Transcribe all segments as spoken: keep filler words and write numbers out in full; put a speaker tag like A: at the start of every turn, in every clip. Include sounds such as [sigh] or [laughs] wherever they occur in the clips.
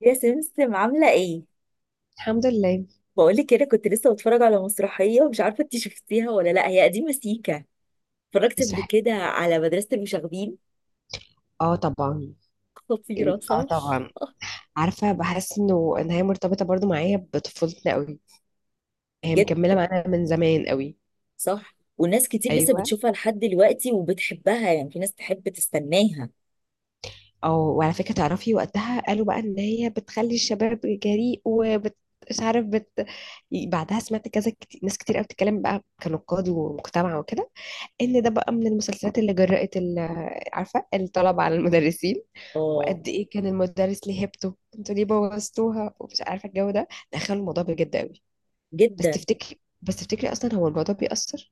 A: يا سمسم، عاملة ايه؟
B: الحمد لله.
A: بقولك كده، كنت لسه بتفرج على مسرحية ومش عارفة انت شفتيها ولا لا. هي قديمة سيكا. اتفرجت قبل
B: مسرحية.
A: كده على مدرسة المشاغبين.
B: اه طبعا.
A: [laughs] خطيرة،
B: اه
A: صح؟
B: طبعا. عارفة، بحس انه ان هي مرتبطة برضو معايا بطفولتنا قوي. هي مكملة
A: جدا.
B: معانا من زمان قوي.
A: صح، وناس كتير لسه
B: ايوه.
A: بتشوفها لحد دلوقتي وبتحبها، يعني في ناس تحب تستناها.
B: او وعلى فكرة تعرفي وقتها قالوا بقى ان هي بتخلي الشباب جريء وبت مش عارف بت... بعدها سمعت كذا كتير. ناس كتير قوي بتتكلم بقى كنقاد ومجتمع وكده، ان ده بقى من المسلسلات اللي جرأت ال- عارفه، الطلبه على المدرسين،
A: اه،
B: وقد ايه كان المدرس ليه هيبته، انتوا ليه بوظتوها، ومش عارفه الجو ده. دخلوا الموضوع بجد قوي. بس
A: جدا.
B: تفتكري بس تفتكري اصلا هو الموضوع بيأثر؟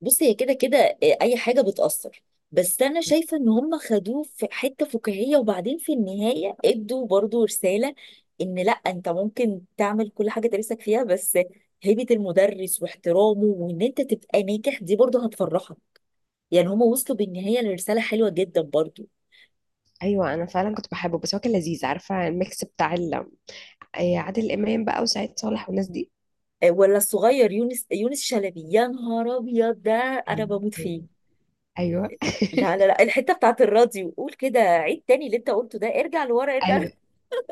A: بص هي كده كده. آه، اي حاجه بتاثر. بس انا شايفه ان هم خدوه في حته فكاهيه، وبعدين في النهايه ادوا برضو رساله ان لا، انت ممكن تعمل كل حاجه نفسك فيها، بس هيبه المدرس واحترامه وان انت تبقى ناجح دي برضو هتفرحك. يعني هم وصلوا بالنهايه لرساله حلوه جدا برضو.
B: ايوه، انا فعلا كنت بحبه، بس هو كان لذيذ. عارفه الميكس بتاع ال- أي عادل امام بقى وسعيد صالح والناس دي.
A: آه، ولا الصغير يونس يونس شلبي؟ يا نهار ابيض ده! انا
B: ايوه،
A: بموت فيه.
B: ايوه،
A: لا لا لا، الحته بتاعت الراديو، قول كده عيد تاني اللي انت قلته ده. ارجع لورا، ارجع لورا.
B: ايوه.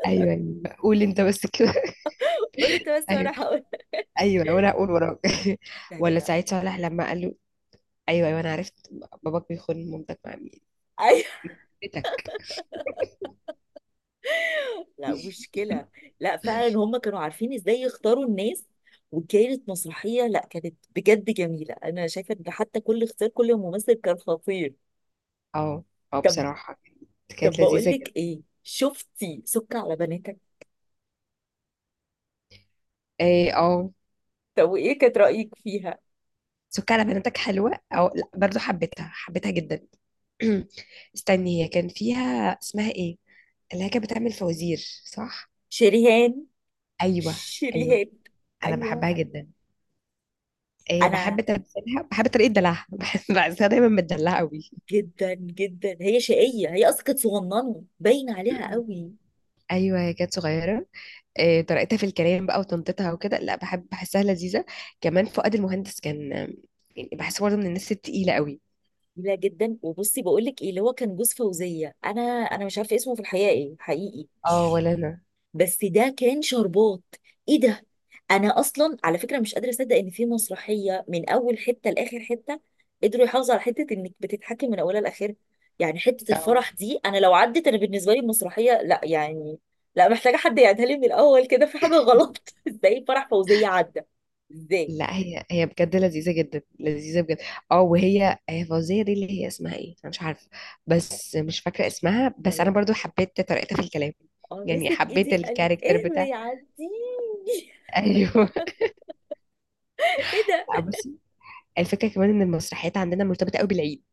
B: ايوه، أيوة. قول انت بس كده. [laughs]
A: [laughs] قول انت بس
B: ايوه،
A: وانا هقول.
B: ايوه، وانا هقول وراك. [laughs]
A: لا لا
B: ولا
A: لا.
B: سعيد صالح لما قال له ايوه، ايوه انا عرفت. باباك بيخون مامتك مع مين؟
A: ايوه.
B: بيتك.
A: [laughs] لا مشكله. لا فعلا، هم كانوا عارفين ازاي يختاروا الناس. وكانت مسرحيه، لا، كانت بجد جميله. انا شايفه ان حتى كل اختيار، كل ممثل كان خطير.
B: اه، اه،
A: طب.
B: بصراحه كانت
A: طب
B: كانت
A: بقول
B: لذيذه جدا.
A: لك ايه، شفتي سك على بناتك؟
B: ايه، اه.
A: طب وايه كانت رايك فيها؟
B: سك على بناتك حلوه او لا؟ برضو حبيتها حبيتها جدا. [clears throat] استني، هي كان فيها، اسمها ايه اللي هي كانت بتعمل فوازير؟ صح.
A: شريهان.
B: ايوه. ايوه،
A: شريهان.
B: انا
A: ايوه.
B: بحبها جدا. إيه، بحب
A: انا
B: تمثيلها، بحب طريقه دلعها. [laughs] بحس بحسها دايما متدلعه قوي.
A: جدا جدا. هي شقيه، هي اصلا كانت صغننه باين عليها
B: [clears throat]
A: قوي.
B: ايوه، هي كانت صغيره. آه، طريقتها في الكلام بقى وطنطتها وكده، لا بحب، بحسها لذيذة. كمان فؤاد المهندس كان، آه، يعني بحسه برضه من الناس التقيلة قوي.
A: جميلة جدا. وبصي بقول لك ايه، اللي هو كان جوز فوزية، انا انا مش عارفة اسمه في الحقيقة ايه حقيقي،
B: اه،
A: مش-
B: ولا انا.
A: بس ده كان شربات. ايه ده! انا اصلا على فكرة مش قادرة اصدق ان في مسرحية من اول حتة لاخر حتة قدروا يحافظوا على حتة انك بتتحكم من اولها لاخرها. يعني حتة
B: اه،
A: الفرح دي، انا لو عدت، انا بالنسبة لي المسرحية لا يعني، لا، محتاجة حد يعيدها لي من الاول. كده في حاجة غلط. [laughs] ازاي فرح فوزية عدى؟ ازاي؟
B: لا هي هي بجد لذيذة جدا، لذيذة بجد. اه، وهي هي فوزية دي اللي هي اسمها ايه، انا مش عارفة. بس مش فاكرة اسمها، بس
A: ولا
B: انا
A: انا.
B: برضو حبيت طريقتها في الكلام.
A: اه،
B: يعني
A: مسك
B: حبيت
A: ايدي قال
B: الكاركتر بتاع.
A: اهري عديني. [laughs]
B: [laughs] ايوه.
A: ايه ده!
B: لا، بصي، الفكرة كمان ان المسرحيات عندنا مرتبطة قوي بالعيد،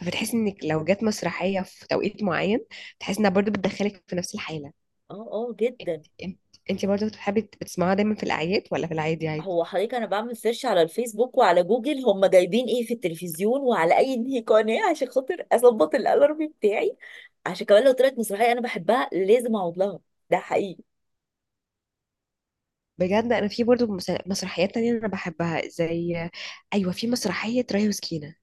B: فبتحس انك لو جت مسرحية في توقيت معين، تحس انها برضو بتدخلك في نفس الحالة.
A: اه اه، جدا.
B: انت انت برضه بتحبي بتسمعها دايما في الاعياد ولا في العادي عادي؟
A: هو حضرتك، انا بعمل سيرش على الفيسبوك وعلى جوجل هم جايبين ايه في التلفزيون وعلى اي [laughs] إنهي قناه، عشان خاطر اظبط الالارم بتاعي. عشان كمان لو طلعت مسرحيه انا بحبها لازم اقعد لها. ده حقيقي.
B: بجد انا في برضه مس- مسرحيات تانية انا بحبها، زي، ايوه، في مسرحية ريا وسكينة.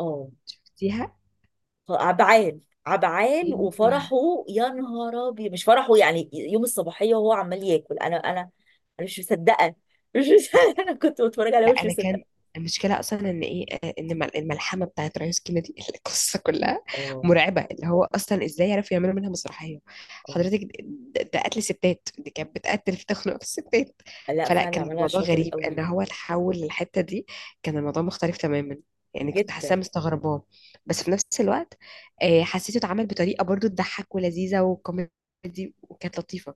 A: اه.
B: شفتيها؟
A: ف- عبعال. عبعال
B: ايوه.
A: وفرحه. يا نهار ابيض! مش فرحه؟ يعني يوم الصباحيه وهو عمال ياكل، انا انا انا مش مصدقه. مش مصدقه. [laughs] انا كنت بتفرج عليها
B: لا
A: مش
B: انا كان،
A: مصدقه.
B: المشكله اصلا ان ايه، آه، ان الم- الملحمه بتاعت رئيس كندي، [laughs] القصه كلها
A: اه
B: مرعبه، اللي هو اصلا ازاي عرفوا يعملوا منها مسرحيه؟ حضرتك،
A: اه.
B: ده ده قتل ستات، دي كانت بتقتل في، تخنق في الستات.
A: لا
B: فلا
A: فعلا،
B: كان
A: عملها
B: الموضوع
A: شاطر
B: غريب ان
A: قوي.
B: هو تحول للحته دي، كان الموضوع مختلف تماما، يعني كنت
A: جدا.
B: حاساه مستغرباه. بس في نفس الوقت، آه، حسيته اتعمل بطريقه برضو تضحك، ولذيذه وكوميدي وكانت لطيفه،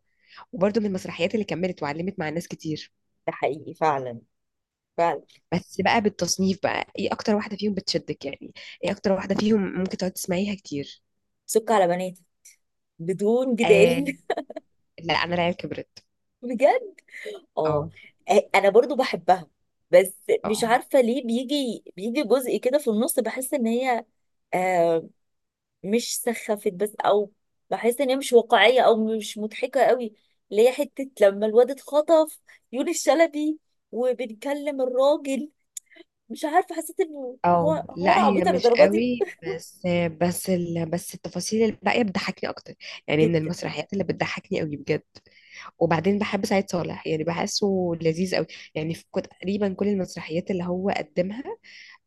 B: وبرضو من المسرحيات اللي كملت وعلمت مع الناس كتير.
A: ده حقيقي. فعلا. فعلا.
B: بس بقى بالتصنيف بقى، ايه اكتر واحده فيهم بتشدك يعني؟ ايه اكتر واحده فيهم ممكن تقعد تسمعيها كتير؟
A: سك على بنات، بدون
B: آه.
A: جدال. [laughs]
B: لا، انا العيال كبرت.
A: بجد. اه.
B: اه.
A: انا برضو بحبها، بس مش
B: اه.
A: عارفة ليه بيجي بيجي جزء كده في النص بحس ان هي آه مش سخفت بس، او بحس ان هي مش واقعية او مش مضحكة قوي. اللي هي حتة لما الواد اتخطف، يونس الشلبي، وبنكلم الراجل. مش عارفة، حسيت انه
B: اه،
A: هو هو
B: لا
A: انا
B: هي
A: عبيطة
B: مش
A: للدرجة
B: قوي، بس بس ال... بس التفاصيل الباقيه بتضحكني اكتر، يعني من
A: دي.
B: المسرحيات اللي بتضحكني قوي بجد. وبعدين بحب سعيد صالح، يعني بحسه لذيذ قوي، يعني في كو- تقريبا كل المسرحيات اللي هو قدمها،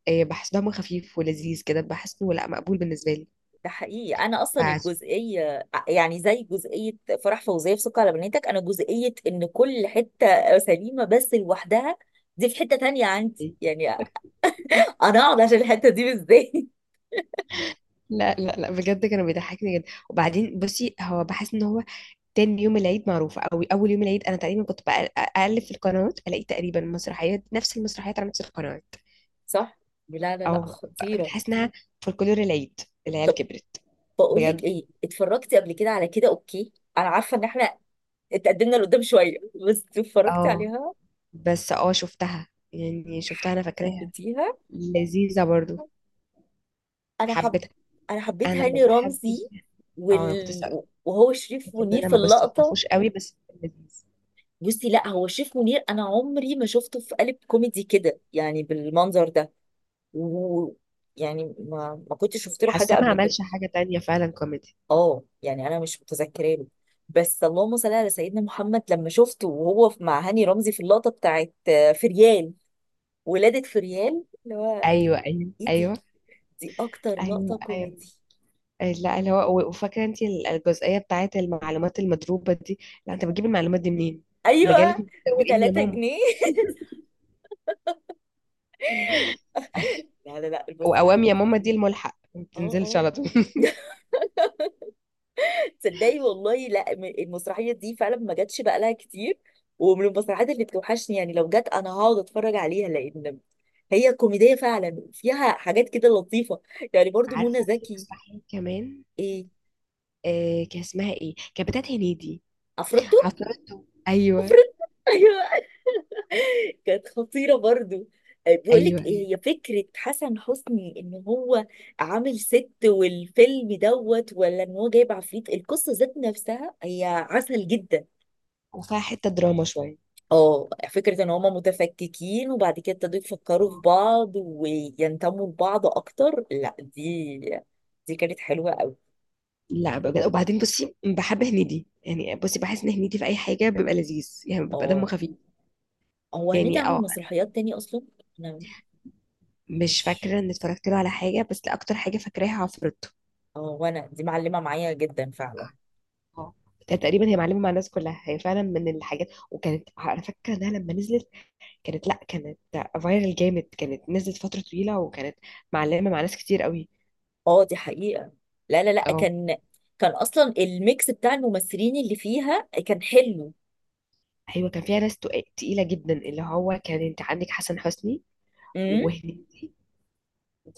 B: آه، بحس دمه خفيف ولذيذ كده، بحسه لا، مقبول بالنسبه لي.
A: ده حقيقي. انا اصلا
B: فعشان-
A: الجزئيه يعني زي جزئيه فرح فوزيه في سكر على بناتك، انا جزئيه ان كل حته سليمه بس لوحدها. دي في حته تانية عندي، يعني انا اقعد عشان الحته دي؟ ازاي؟ [laughs]
B: لا، لا، لا، بجد كانوا بيضحكني جدا. وبعدين بصي، هو بحس ان هو تاني يوم العيد معروف، او اول يوم العيد انا تقريبا كنت بقل- اقلب في القنوات، الاقي تقريبا مسرحيات، نفس المسرحيات على نفس القنوات.
A: صح. لا لا
B: او
A: لا،
B: ب-
A: خطيره.
B: بتحس انها فولكلور العيد. العيال
A: طب
B: كبرت.
A: بقول لك
B: بجد.
A: ايه، اتفرجتي قبل كده على كده؟ اوكي. انا عارفه ان احنا اتقدمنا لقدام شويه، بس اتفرجتي
B: اه.
A: عليها؟
B: بس اه شفتها، يعني شفتها، انا فاكراها،
A: حبيتيها؟
B: لذيذة برضو.
A: انا حب،
B: حبيتها.
A: انا حبيت
B: انا ما
A: هاني
B: بحبش.
A: رمزي.
B: اه، انا كنت
A: وال...
B: لسه
A: وهو شريف
B: قلت ان
A: منير
B: انا
A: في
B: ما
A: اللقطه.
B: بستلطفوش قوي، بس كان لذيذ.
A: بصي، لا، هو شريف منير انا عمري ما شفته في قالب كوميدي كده، يعني بالمنظر ده. و، يعني ما ما كنتش شفت له حاجه
B: حاسه ما
A: قبل كده.
B: عملش حاجة تانية فعلا كوميدي.
A: اه، يعني انا مش متذكراه له. بس اللهم صل على سيدنا محمد لما شفته وهو في- مع هاني رمزي في اللقطه بتاعت آه، فريال. ولاده فريال اللي هو،
B: ايوه، ايوه،
A: ايه دي!
B: ايوه،
A: دي اكتر لقطه
B: ايوه، ايوه.
A: كوميدي.
B: لا، اللي هو وفاكره انت الجزئيه بتاعت المعلومات المضروبه دي، لا انت بتجيب المعلومات دي منين؟ مجله
A: ايوه، ب
B: متسوقين يا
A: 3
B: ماما.
A: جنيه [laughs] لا لا لا،
B: [laughs] واوام يا
A: المسرحيات
B: ماما، دي
A: دي.
B: الملحق ما
A: اه
B: بتنزلش
A: اه.
B: على طول. [laughs]
A: [laughs] تصدقي والله، لا م- المسرحيه دي فعلا ما جاتش بقى لها كتير، ومن المسرحيات اللي بتوحشني. يعني لو جت انا هقعد اتفرج عليها، لان هي كوميديه فعلا فيها حاجات كده لطيفه. يعني برضو منى
B: عارفه في
A: زكي.
B: مسرحيه كمان،
A: ايه،
B: آه، كان اسمها ايه، كانت بتاعت هنيدي.
A: افرطتو.
B: عفروتو، ايوه.
A: افرطتو. [laughs] ايوه، كانت خطيره برضو. آه، بيقول
B: ايوه،
A: لك
B: ايوه.
A: ايه، هي فكره حسن حسني ان هو عامل ست والفيلم دوت ولا ان هو جايب عفريت؟ القصه ذات نفسها هي عسل جدا.
B: وفيها حته دراما شويه.
A: اه، فكرة ان هما متفككين وبعد كده ابتدوا يفكروا في
B: آه.
A: بعض وينتموا لبعض اكتر، لا دي، دي كانت حلوة قوي.
B: لا بجد، وبعدين بصي، بحب هنيدي، يعني بصي بحس ان هنيدي في اي حاجه بيبقى لذيذ، يعني بيبقى دمه
A: اه.
B: خفيف.
A: هو هنيدي
B: يعني
A: عمل
B: اه
A: مسرحيات تاني اصلا؟ انا
B: مش
A: مش.
B: فاكرة ان اتفرجت له على حاجة، بس اكتر حاجة فاكراها عفروتو.
A: اه وانا دي معلمة معايا جدا فعلا.
B: اه. ده تقريبا هي معلمة مع الناس كلها، هي فعلا من الحاجات. وكانت على فكرة انها لما نزلت كانت، لا، كانت فايرال جامد، كانت نزلت فترة طويلة، وكانت معلمة مع ناس كتير قوي.
A: اه دي حقيقة. لا لا لا،
B: اه.
A: كان، كان اصلا الميكس بتاع الممثلين اللي فيها كان حلو.
B: ايوه، كان فيها ناس تق- تقيلة جدا، اللي هو كان انت عندك حسن حسني،
A: امم.
B: وهنيدي،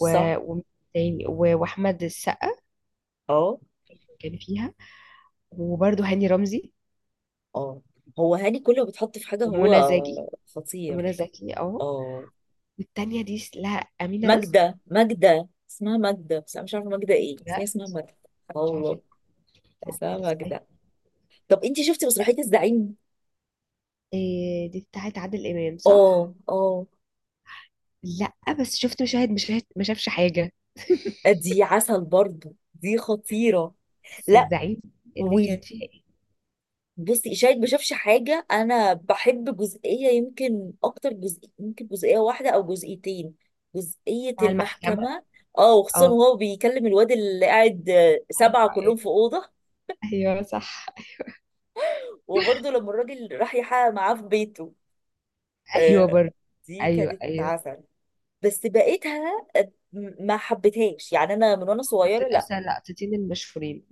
B: و... و... تاني، و... واحمد السقا،
A: اه
B: كان فيها، وبرده هاني رمزي،
A: اه. هو هاني كل ما بيتحط في حاجة
B: ومنى
A: هو
B: زكي. ومنى
A: خطير.
B: زكي، اه.
A: اه.
B: والتانية دي، لا، أمينة رزق.
A: ماجدة، ماجدة اسمها ماجدة، بس انا مش عارفة ماجدة ايه، بس هي
B: لا
A: اسمها ماجدة.
B: مش عارفه
A: الله.
B: دي، بتاعت
A: اسمها
B: مدرسة أي؟
A: ماجدة. طب انتي شفتي مسرحية الزعيم؟
B: إيه دي بتاعت عادل إمام،
A: اه
B: صح؟
A: اه.
B: لأ. بس شفت مشاهد، مشاهد ما شافش حاجة. [laughs]
A: دي عسل برضو، دي خطيرة.
B: بس
A: لا.
B: الزعيم، اللي كان
A: وال-
B: فيها إيه؟
A: بصي، شاهد ما شافش حاجة، انا بحب جزئية، يمكن اكتر جزء، يمكن جزئية واحدة او جزئيتين. جزئية
B: بتاع المحكمة.
A: المحكمة. اه، وخصوصا
B: اه،
A: وهو بيكلم الواد اللي قاعد، آه، سبعة كلهم في أوضة.
B: أيوه، صح.
A: وبرضه لما الراجل راح يحقق معاه في بيته.
B: أيوه
A: آه،
B: برضه.
A: دي
B: أيوه،
A: كانت
B: أيوه،
A: عسل. بس بقيتها، آه، م- ما حبيتهاش، يعني انا من وانا
B: هما
A: صغيره
B: دول
A: لا.
B: أصلا لقطتين المشهورين،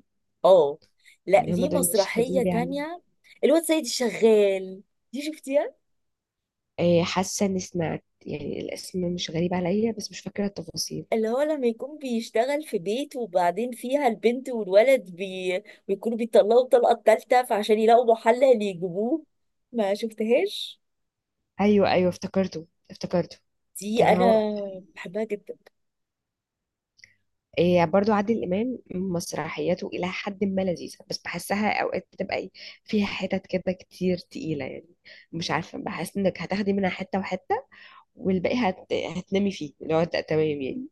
A: اه. لا
B: يعني هما
A: ليه،
B: دول مشهدين
A: مسرحيه
B: لي عليهم.
A: تانية، الواد سيد الشغال، دي شفتيها؟
B: إيه، حاسة إني سمعت، يعني الاسم مش غريب عليا، بس مش فاكرة التفاصيل.
A: اللي هو لما يكون بيشتغل في بيت، وبعدين فيها البنت والولد بي... بيكونوا بيطلعوا الطلقه التالتة، فعشان يلاقوا محل يجيبوه. ما شفتهاش.
B: أيوه، أيوه، افتكرته افتكرته.
A: دي
B: كان
A: انا
B: هو،
A: بحبها جدا.
B: إيه، برضو عادل إمام مسرحياته إلى حد ما لذيذة، بس بحسها أوقات بتبقى إيه، فيها حتت كده كتير تقيلة يعني. مش عارفة، بحس إنك هتاخدي منها حتة وحتة، والباقي هت... هتنامي فيه، اللي هو ت- تمام يعني.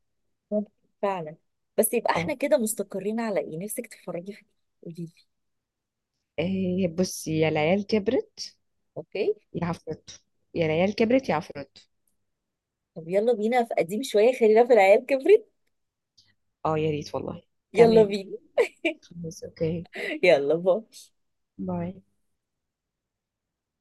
A: ممكن. فعلا. بس يبقى احنا
B: أه.
A: كده مستقرين على ايه؟ نفسك تتفرجي في ايه؟ قوليلي.
B: إيه بصي، يا العيال كبرت،
A: اوكي.
B: يا عفروتو. يا العيال كبرت يا عفروتو.
A: طب يلا بينا في قديم شوية، خلينا في العيال كبرت.
B: أه يا ريت والله.
A: يلا
B: تمام.
A: بينا.
B: خلاص، أوكي.
A: يلا باي.
B: باي.